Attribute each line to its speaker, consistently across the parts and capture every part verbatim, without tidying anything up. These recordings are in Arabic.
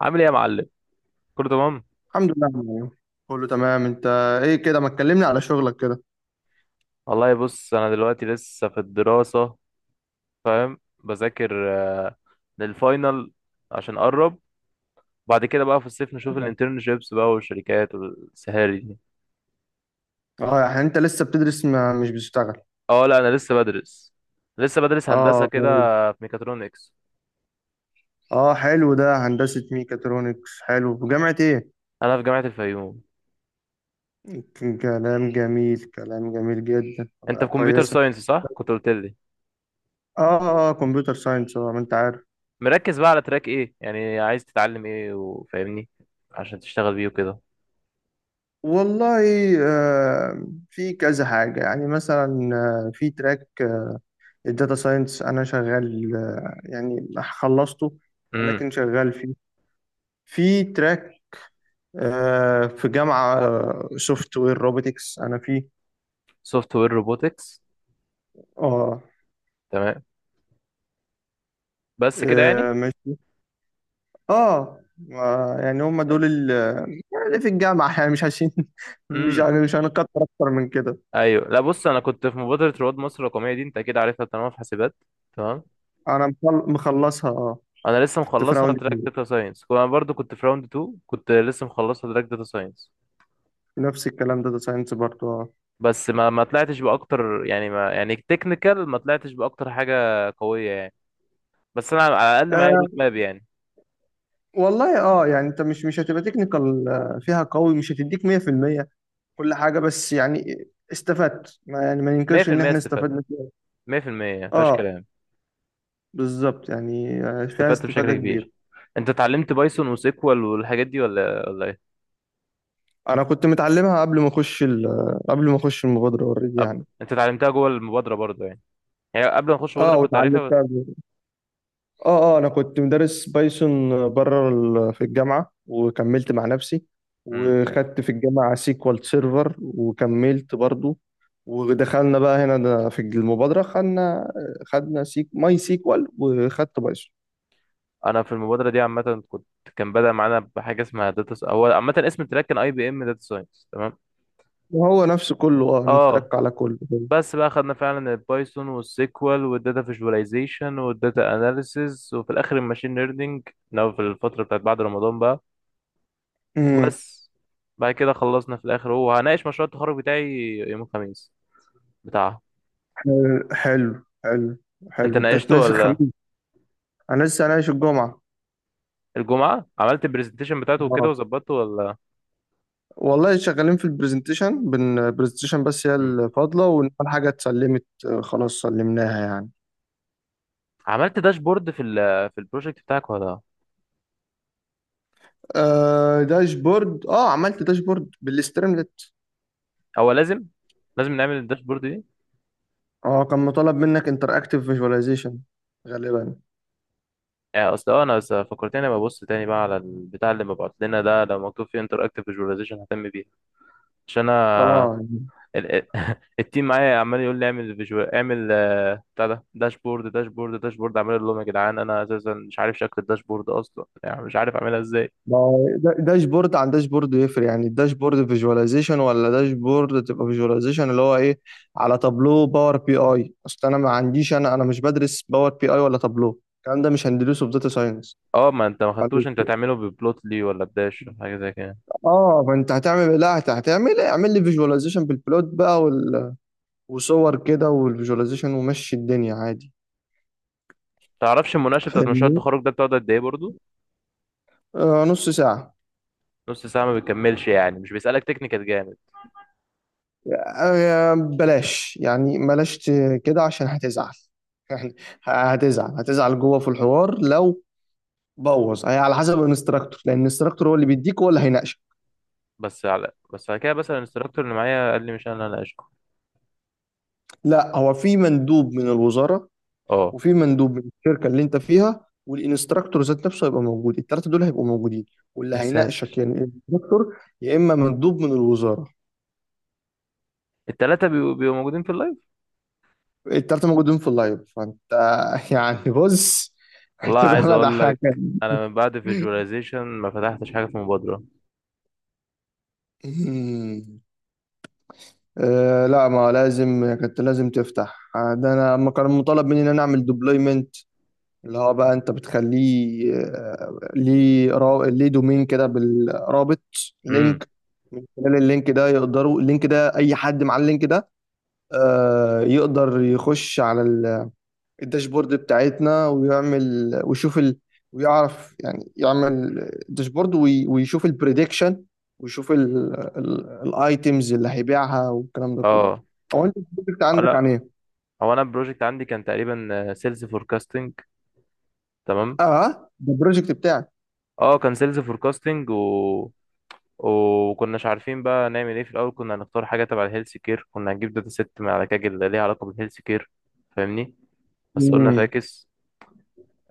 Speaker 1: عامل ايه يا معلم؟ كله تمام.
Speaker 2: الحمد لله يا معلم. كله تمام انت؟ ايه كده ما تكلمني على شغلك كده؟
Speaker 1: والله بص، انا دلوقتي لسه في الدراسة، فاهم، بذاكر آه، للفاينل عشان اقرب. بعد كده بقى في الصيف نشوف الانترنشيبس بقى والشركات والسهاري دي.
Speaker 2: اه يعني انت لسه بتدرس ما مش بتشتغل.
Speaker 1: اه، لا، انا لسه بدرس. لسه بدرس هندسة
Speaker 2: اه
Speaker 1: كده،
Speaker 2: جميل.
Speaker 1: في ميكاترونكس.
Speaker 2: اه حلو، ده هندسة ميكاترونكس حلو، في جامعة ايه؟
Speaker 1: انا في جامعة الفيوم.
Speaker 2: ك- كلام جميل، كلام جميل جدا،
Speaker 1: انت
Speaker 2: آه،
Speaker 1: في كمبيوتر
Speaker 2: كويسة.
Speaker 1: ساينس، صح؟ كنت قلت لي.
Speaker 2: اه اه اه، كمبيوتر ساينس اه، ما انت عارف.
Speaker 1: مركز بقى على تراك ايه؟ يعني عايز تتعلم ايه وفاهمني عشان تشتغل بيه وكده.
Speaker 2: والله آه في كذا حاجة، يعني مثلا آه، في تراك، آه، الداتا ساينس انا شغال، آه، يعني خلصته،
Speaker 1: امم.
Speaker 2: ولكن شغال فيه. في تراك آه، في جامعة سوفت وير روبوتكس أنا فيه.
Speaker 1: سوفت وير روبوتكس.
Speaker 2: اه.
Speaker 1: تمام. بس كده يعني.
Speaker 2: آه، ماشي. اه ما- يعني هم دول ال- اللي في الجامعة، يعني مش عايزين مش
Speaker 1: امم.
Speaker 2: يعني مش هنكتر أكتر من كده.
Speaker 1: ايوه، لا، بص، انا كنت في مبادره رواد مصر الرقميه دي، انت اكيد عارفها طالما في حاسبات. تمام.
Speaker 2: أنا مخل- مخلصها اه.
Speaker 1: انا لسه
Speaker 2: كنت في
Speaker 1: مخلصها
Speaker 2: راوند
Speaker 1: تراك
Speaker 2: اتنين.
Speaker 1: داتا ساينس، انا برضو كنت في راوند اتنين، كنت لسه مخلصها تراك داتا ساينس.
Speaker 2: نفس الكلام، داتا ساينس برضه اه.
Speaker 1: بس ما ما طلعتش باكتر، يعني ما يعني تكنيكال ما طلعتش باكتر حاجه قويه يعني. بس انا على الاقل معايا
Speaker 2: آه،
Speaker 1: روت ماب يعني.
Speaker 2: والله اه، يعني انت مش مش هتبقى تكنيكال فيها قوي، مش هتديك مية في المية كل حاجة، بس يعني استفدت، ما يعني ما ننكرش ان
Speaker 1: مية في المية
Speaker 2: احنا
Speaker 1: استفدت،
Speaker 2: استفدنا فيها.
Speaker 1: مية في المية يعني ما فيهاش
Speaker 2: اه
Speaker 1: كلام،
Speaker 2: بالظبط، يعني آه، فيها
Speaker 1: استفدت
Speaker 2: استفادة
Speaker 1: بشكل كبير.
Speaker 2: كبيرة.
Speaker 1: انت اتعلمت بايثون وسيكوال والحاجات دي ولا ولا ايه؟
Speaker 2: انا كنت متعلمها قبل ما اخش ال- قبل ما اخش المبادره اوريدي
Speaker 1: أب...
Speaker 2: يعني.
Speaker 1: انت اتعلمتها جوه المبادره برضو يعني، يعني قبل ما اخش
Speaker 2: اه
Speaker 1: المبادره كنت عارفها.
Speaker 2: واتعلمتها قبل- اه اه انا كنت مدرس بايثون بره ال- في الجامعه، وكملت مع نفسي،
Speaker 1: بس
Speaker 2: وخدت في الجامعه سيكوال سيرفر وكملت برضو. ودخلنا بقى هنا، ده في المبادره خدنا خدنا سيك ماي سيكوال، وخدت بايثون.
Speaker 1: انا في المبادره دي عامه كنت، كان بدأ معانا بحاجه اسمها داتا س... هو عامه اسم التراك كان اي بي ام داتا ساينس، تمام.
Speaker 2: وهو نفسه كله اه،
Speaker 1: اه،
Speaker 2: نترك على كله.
Speaker 1: بس بقى خدنا فعلا البايثون والسيكوال والداتا فيجواليزيشن والداتا اناليسيز، وفي الاخر الماشين ليرنينج، لو في الفتره بتاعت بعد رمضان بقى.
Speaker 2: امم
Speaker 1: وبس، بعد كده خلصنا في الاخر، وهناقش مشروع التخرج بتاعي يوم الخميس بتاعها.
Speaker 2: حلو، حلو حلو
Speaker 1: انت
Speaker 2: حلو انت
Speaker 1: ناقشته
Speaker 2: هتناقش
Speaker 1: ولا؟
Speaker 2: الخميس؟ انا لسه هناقش الجمعه.
Speaker 1: الجمعه عملت البرزنتيشن بتاعته وكده
Speaker 2: آه.
Speaker 1: وظبطته ولا؟
Speaker 2: والله شغالين في البرزنتيشن، بن البرزنتيشن بس هي
Speaker 1: مم.
Speaker 2: الفاضلة، وإن الحاجة اتسلمت، آه، خلاص سلمناها يعني.
Speaker 1: عملت داشبورد في ال في البروجكت بتاعك ولا؟
Speaker 2: آه داشبورد، اه عملت داشبورد بالاستريملت.
Speaker 1: هو لازم لازم نعمل الداشبورد دي؟
Speaker 2: اه كان مطالب منك انتر اكتيف فيجواليزيشن غالبا.
Speaker 1: آه، اصل أه، انا بس فكرتني ابقى ابص تاني بقى على البتاع اللي مبعوت لنا ده، لو مكتوب فيه انتراكتيف فيجواليزيشن ههتم بيه. عشان انا
Speaker 2: اه
Speaker 1: ال- ال- التيم معايا عمال يقول لي اعمل فيجوال، اعمل آه، بتاع ده، داشبورد داشبورد داشبورد، عمال اقول لهم يا جدعان انا اساسا مش عارف شكل الداشبورد اصلا، يعني مش عارف اعملها ازاي.
Speaker 2: ما هو دا- داشبورد عن داشبورد يفرق، يعني الداشبورد فيجواليزيشن، ولا داشبورد تبقى فيجواليزيشن اللي هو ايه على تابلو باور بي اي؟ اصل انا ما عنديش، انا انا مش بدرس باور بي اي ولا تابلو، الكلام ده مش هندرسه في داتا ساينس.
Speaker 1: اه، ما انت ما خدتوش انت تعمله ببلوت لي ولا بداش حاجه زي كده؟
Speaker 2: اه فانت هتعمل إيه؟ لا هت- هتعمل إيه؟ اعمل لي فيجواليزيشن بالبلوت بقى، وال... وصور كده والفيجواليزيشن، ومشي الدنيا عادي.
Speaker 1: تعرفش المناقشه بتاعت مشروع
Speaker 2: فاهمني.
Speaker 1: التخرج ده بتقعد قد ايه برضه؟
Speaker 2: آه نص ساعة.
Speaker 1: نص ساعه ما بتكملش يعني، مش بيسالك تكنيكال جامد؟
Speaker 2: آه بلاش يعني، بلاش ت- كده عشان هتزعل يعني هتزعل، هتزعل جوه في الحوار لو بوظ. هي على حسب الانستراكتور، لان الانستراكتور هو اللي بيديك، هو اللي هيناقشك.
Speaker 1: بس على بس على كده مثلا الانستراكتور اللي معايا قال لي مش انا اللي اشكو.
Speaker 2: لا، هو في مندوب من الوزارة،
Speaker 1: اه.
Speaker 2: وفي مندوب من الشركه اللي انت فيها، والانستراكتور ذات نفسه هيبقى موجود، الثلاثه دول هيبقوا موجودين. واللي
Speaker 1: يا
Speaker 2: هيناقشك
Speaker 1: ساتر،
Speaker 2: يعني الانستراكتور، يا اما مندوب من الوزاره.
Speaker 1: التلاتة بيبقوا بيبقوا موجودين في اللايف؟
Speaker 2: الثلاثه موجودين في اللايف، فانت يعني بص،
Speaker 1: والله
Speaker 2: هتبقى
Speaker 1: عايز اقول
Speaker 2: مدعكه
Speaker 1: لك، انا من بعد فيجواليزيشن ما فتحتش حاجة في مبادرة.
Speaker 2: أمم. آه لا، ما لازم، كنت لازم تفتح، آه، ده انا ما كان مطالب مني ان انا اعمل ديبلويمنت، اللي هو بقى انت بتخليه، آه، ليه را- ليه دومين كده، بالرابط،
Speaker 1: امم.
Speaker 2: لينك. من خلال اللينك ده يقدروا، اللينك ده اي حد مع اللينك ده آه، يقدر يخش على ال- الداشبورد بتاعتنا، ويعمل ويشوف ال... ويعرف يعني يعمل داشبورد وي- ويشوف البريدكشن، ويشوف الايتيمز اللي هيبيعها والكلام ده كله.
Speaker 1: اه،
Speaker 2: هو انت البروجكت
Speaker 1: آه،
Speaker 2: عندك عن
Speaker 1: لا،
Speaker 2: ايه؟
Speaker 1: هو انا البروجكت عندي كان تقريبا سيلز فوركاستنج، تمام.
Speaker 2: اه ده البروجكت بتاعك.
Speaker 1: اه، كان سيلز فوركاستنج و وكناش عارفين بقى نعمل ايه في الاول، كنا هنختار حاجه تبع الهيلث كير، كنا هنجيب داتا ست من على كاجل ليها علاقه بالهيلث كير، فاهمني. بس قلنا
Speaker 2: مم.
Speaker 1: فاكس.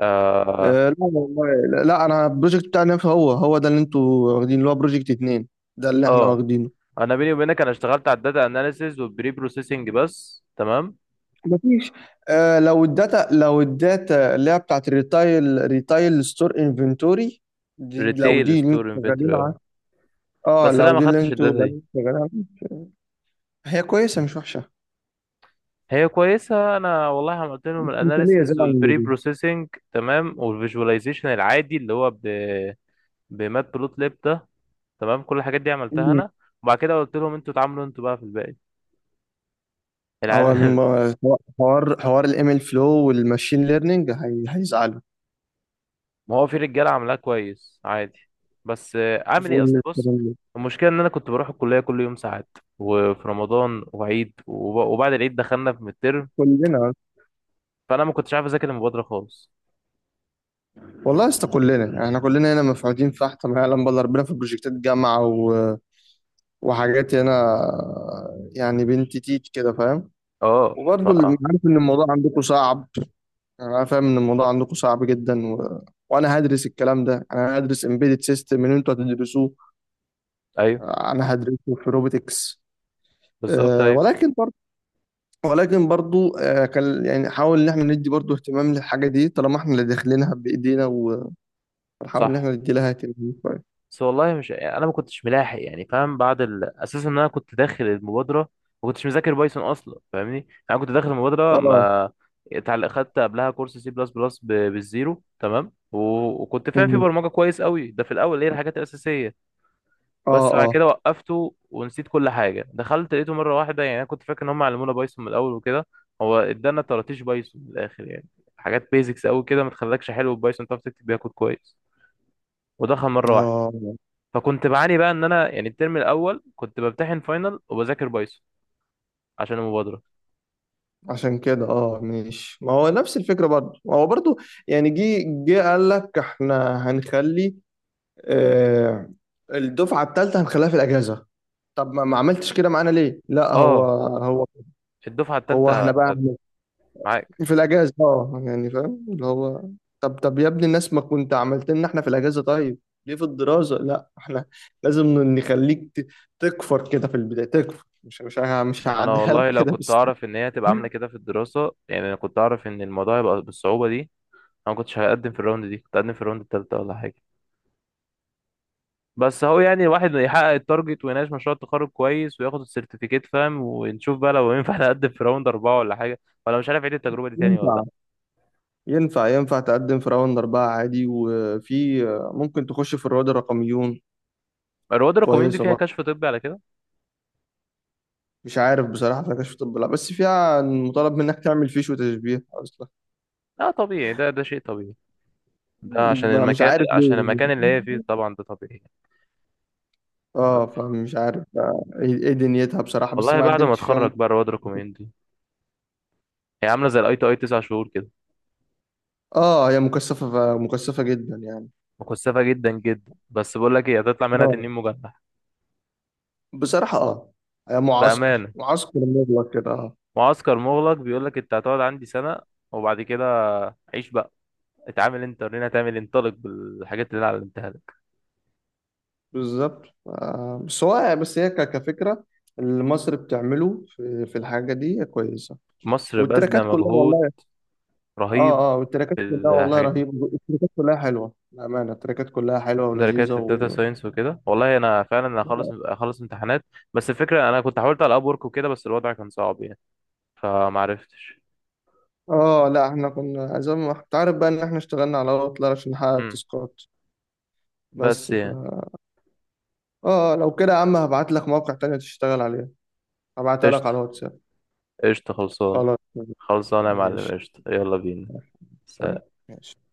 Speaker 1: اه.
Speaker 2: آه لا والله، لا لا، انا البروجكت بتاعنا هو هو ده اللي انتوا واخدينه، اللي هو بروجكت اتنين، ده اللي احنا
Speaker 1: آه.
Speaker 2: واخدينه.
Speaker 1: انا بيني وبينك انا اشتغلت على الداتا اناليسيز والبري بروسيسنج بس، تمام.
Speaker 2: مفيش. آه لو الداتا، لو الداتا اللي هي بتاعت الريتايل، ريتايل ستور انفنتوري، دي لو
Speaker 1: ريتيل
Speaker 2: دي اللي
Speaker 1: ستور
Speaker 2: انتوا
Speaker 1: انفنتوري،
Speaker 2: شغالين عليها.
Speaker 1: اه.
Speaker 2: اه
Speaker 1: بس لا،
Speaker 2: لو
Speaker 1: ما
Speaker 2: دي اللي
Speaker 1: خدتش
Speaker 2: انتوا
Speaker 1: الداتا
Speaker 2: شغالين
Speaker 1: دي،
Speaker 2: عليها، هي كويسه، مش وحشه،
Speaker 1: هي كويسه. انا والله عملت لهم
Speaker 2: مش مثاليه زي
Speaker 1: الاناليسيز
Speaker 2: ما عم
Speaker 1: والبري
Speaker 2: بيقولوا.
Speaker 1: بروسيسنج تمام، والفيجواليزيشن العادي اللي هو ب بمات بلوت ليب ده، تمام. كل الحاجات دي عملتها
Speaker 2: مم.
Speaker 1: انا. وبعد كده قلت لهم انتوا اتعاملوا انتوا بقى في الباقي،
Speaker 2: هو
Speaker 1: العيال
Speaker 2: الم- حوار، حوار الام ال فلو والماشين ليرنينج، هي... هيزعلوا.
Speaker 1: ما هو في رجاله عاملاه كويس عادي. بس آه، اعمل ايه،
Speaker 2: المفروض
Speaker 1: اصل
Speaker 2: إن
Speaker 1: بص،
Speaker 2: الكلام ده.
Speaker 1: المشكله ان انا كنت بروح الكليه كل يوم ساعات، وفي رمضان وعيد، وب- وبعد العيد دخلنا في الترم،
Speaker 2: كلنا،
Speaker 1: فانا ما كنتش عارف اذاكر المبادره خالص.
Speaker 2: والله يا اسطى كلنا، يعني احنا كلنا هنا مفعوتين في تحت، ما يعلم بالله ربنا، في بروجكتات جامعة و... وحاجات هنا، يعني بنت تيت كده فاهم.
Speaker 1: اه، ف،
Speaker 2: وبرضه اللي عارف ان الموضوع عندكم صعب، انا فاهم ان الموضوع عندكم صعب جدا و... وانا هدرس الكلام ده، انا هدرس امبيدد سيستم ان انتوا هتدرسوه،
Speaker 1: ايوه،
Speaker 2: انا هدرسه في روبوتكس.
Speaker 1: بالظبط،
Speaker 2: أه
Speaker 1: ايوه،
Speaker 2: ولكن برضه، ولكن برضه أه كان يعني حاول ان احنا ندي برضه اهتمام للحاجه دي، طالما احنا اللي داخلينها بايدينا، ونحاول ان
Speaker 1: صح.
Speaker 2: احنا ندي لها اهتمام شويه.
Speaker 1: بس والله مش يعني، انا ما كنتش ملاحق، يعني فاهم بعد ال... اساسا ان انا كنت داخل المبادره، ما كنتش مذاكر بايثون اصلا، فاهمني. انا كنت داخل المبادره
Speaker 2: اه
Speaker 1: ما اتعل- خدت قبلها كورس سي بلس بلس بالزيرو، تمام و... وكنت فاهم في برمجه كويس قوي، ده في الاول هي الحاجات الاساسيه.
Speaker 2: اه
Speaker 1: بس بعد
Speaker 2: اه
Speaker 1: كده وقفته ونسيت كل حاجه، دخلت لقيته مره واحده، يعني انا كنت فاكر ان هم علمونا بايثون من الاول وكده. هو ادانا طراطيش بايثون من الاخر يعني، حاجات بيزكس قوي كده ما تخلكش حلو بايثون، تعرف تكتب بيها كود كويس، ودخل مره واحده.
Speaker 2: اه
Speaker 1: فكنت بعاني بقى ان انا يعني الترم الاول كنت بمتحن فاينل وبذاكر بايثون عشان المبادره.
Speaker 2: عشان كده اه ماشي، ما هو نفس الفكرة برضه، ما هو برضه يعني، جه جه قال لك احنا هنخلي، آه الدفعة الثالثة هنخليها في الأجازة. طب ما، ما عملتش كده معانا ليه؟ لا هو،
Speaker 1: اه،
Speaker 2: هو
Speaker 1: الدفعه
Speaker 2: هو
Speaker 1: الثالثه
Speaker 2: احنا بقى
Speaker 1: هت-
Speaker 2: هن-
Speaker 1: معاك.
Speaker 2: في الأجازة، اه يعني فاهم اللي هو، طب طب يا ابني الناس، ما كنت عملت لنا احنا في الأجازة؟ طيب ليه في الدراسة؟ لا احنا لازم نخليك ت- تكفر كده في البداية، تكفر، مش مش مش
Speaker 1: انا
Speaker 2: هعديها لك
Speaker 1: والله لو
Speaker 2: كده.
Speaker 1: كنت اعرف ان هي هتبقى عامله كده في الدراسه، يعني انا كنت اعرف ان الموضوع هيبقى بالصعوبه دي، انا ما كنتش هقدم في الراوند دي، كنت هقدم في الراوند الثالثه ولا حاجه. بس اهو، يعني الواحد يحقق التارجت ويناقش مشروع التخرج كويس وياخد السيرتيفيكيت، فاهم؟ ونشوف بقى لو ينفع نقدم في راوند اربعه ولا حاجه، ولا مش عارف اعيد التجربه دي تاني ولا لا.
Speaker 2: بس ينفع، ينفع تقدم في راوند أربعة عادي، وفي ممكن تخش في الرواد الرقميون،
Speaker 1: الرواد الرقميين دي
Speaker 2: كويسة
Speaker 1: فيها
Speaker 2: برضه.
Speaker 1: كشف طبي على كده.
Speaker 2: مش عارف بصراحة، في نقاش في طب، لا بس فيها مطالب منك تعمل فيش وتشبيه أصلا.
Speaker 1: اه، طبيعي، ده ده شيء طبيعي، ده عشان
Speaker 2: ما مش
Speaker 1: المكان
Speaker 2: عارف
Speaker 1: عشان
Speaker 2: ليه.
Speaker 1: المكان اللي هي فيه طبعا، ده طبيعي.
Speaker 2: اه فمش عارف آه، ايه إيه دنيتها بصراحة، بس
Speaker 1: والله
Speaker 2: ما
Speaker 1: بعد ما
Speaker 2: قدمتش فيها
Speaker 1: اتخرج
Speaker 2: م-
Speaker 1: بقى رواد ريكومندي، هي عامله زي الاي تي اي تسع شهور كده،
Speaker 2: اه. هي مكثفة، مكثفة جدا يعني.
Speaker 1: مكثفه جدا جدا. بس بقول لك ايه، هتطلع منها
Speaker 2: اه
Speaker 1: تنين مجنح.
Speaker 2: بصراحة اه، هي معسكر،
Speaker 1: بامانه،
Speaker 2: معسكر مغلق كده آه.
Speaker 1: معسكر مغلق، بيقول لك انت هتقعد عندي سنه، وبعد كده عيش بقى، اتعامل انت ورينا هتعمل إيه، انطلق بالحاجات اللي انا علمتها لك.
Speaker 2: بالظبط، آه، بس هو، بس هي ك- كفكرة اللي مصر بتعمله في، في الحاجة دي كويسة.
Speaker 1: مصر باذله
Speaker 2: والتراكات كلها
Speaker 1: مجهود
Speaker 2: والله،
Speaker 1: رهيب
Speaker 2: اه اه والتراكات
Speaker 1: في
Speaker 2: كلها والله
Speaker 1: الحاجات دي،
Speaker 2: رهيبة، التراكات كلها حلوة بأمانة، التراكات كلها حلوة ولذيذة
Speaker 1: درجات الداتا
Speaker 2: و...
Speaker 1: ساينس وكده، والله انا فعلا انا هخلص هخلص امتحانات. بس الفكره، انا كنت حاولت على اب وورك وكده بس الوضع كان صعب يعني، فمعرفتش.
Speaker 2: اه لا احنا كنا زي ما انت عارف بقى، ان احنا اشتغلنا على اوتلر عشان نحقق
Speaker 1: مم.
Speaker 2: التاسكات.
Speaker 1: بس
Speaker 2: بس ف
Speaker 1: يعني،
Speaker 2: اه لو كده يا عم هبعت لك موقع تاني تشتغل عليه، هبعتها لك على
Speaker 1: قشطة.
Speaker 2: الواتساب.
Speaker 1: قشطة، خلصان.
Speaker 2: خلاص.
Speaker 1: خلصانة يا معلم،
Speaker 2: ماشي.
Speaker 1: قشطة، يلا بينا. سلام.
Speaker 2: ماشي.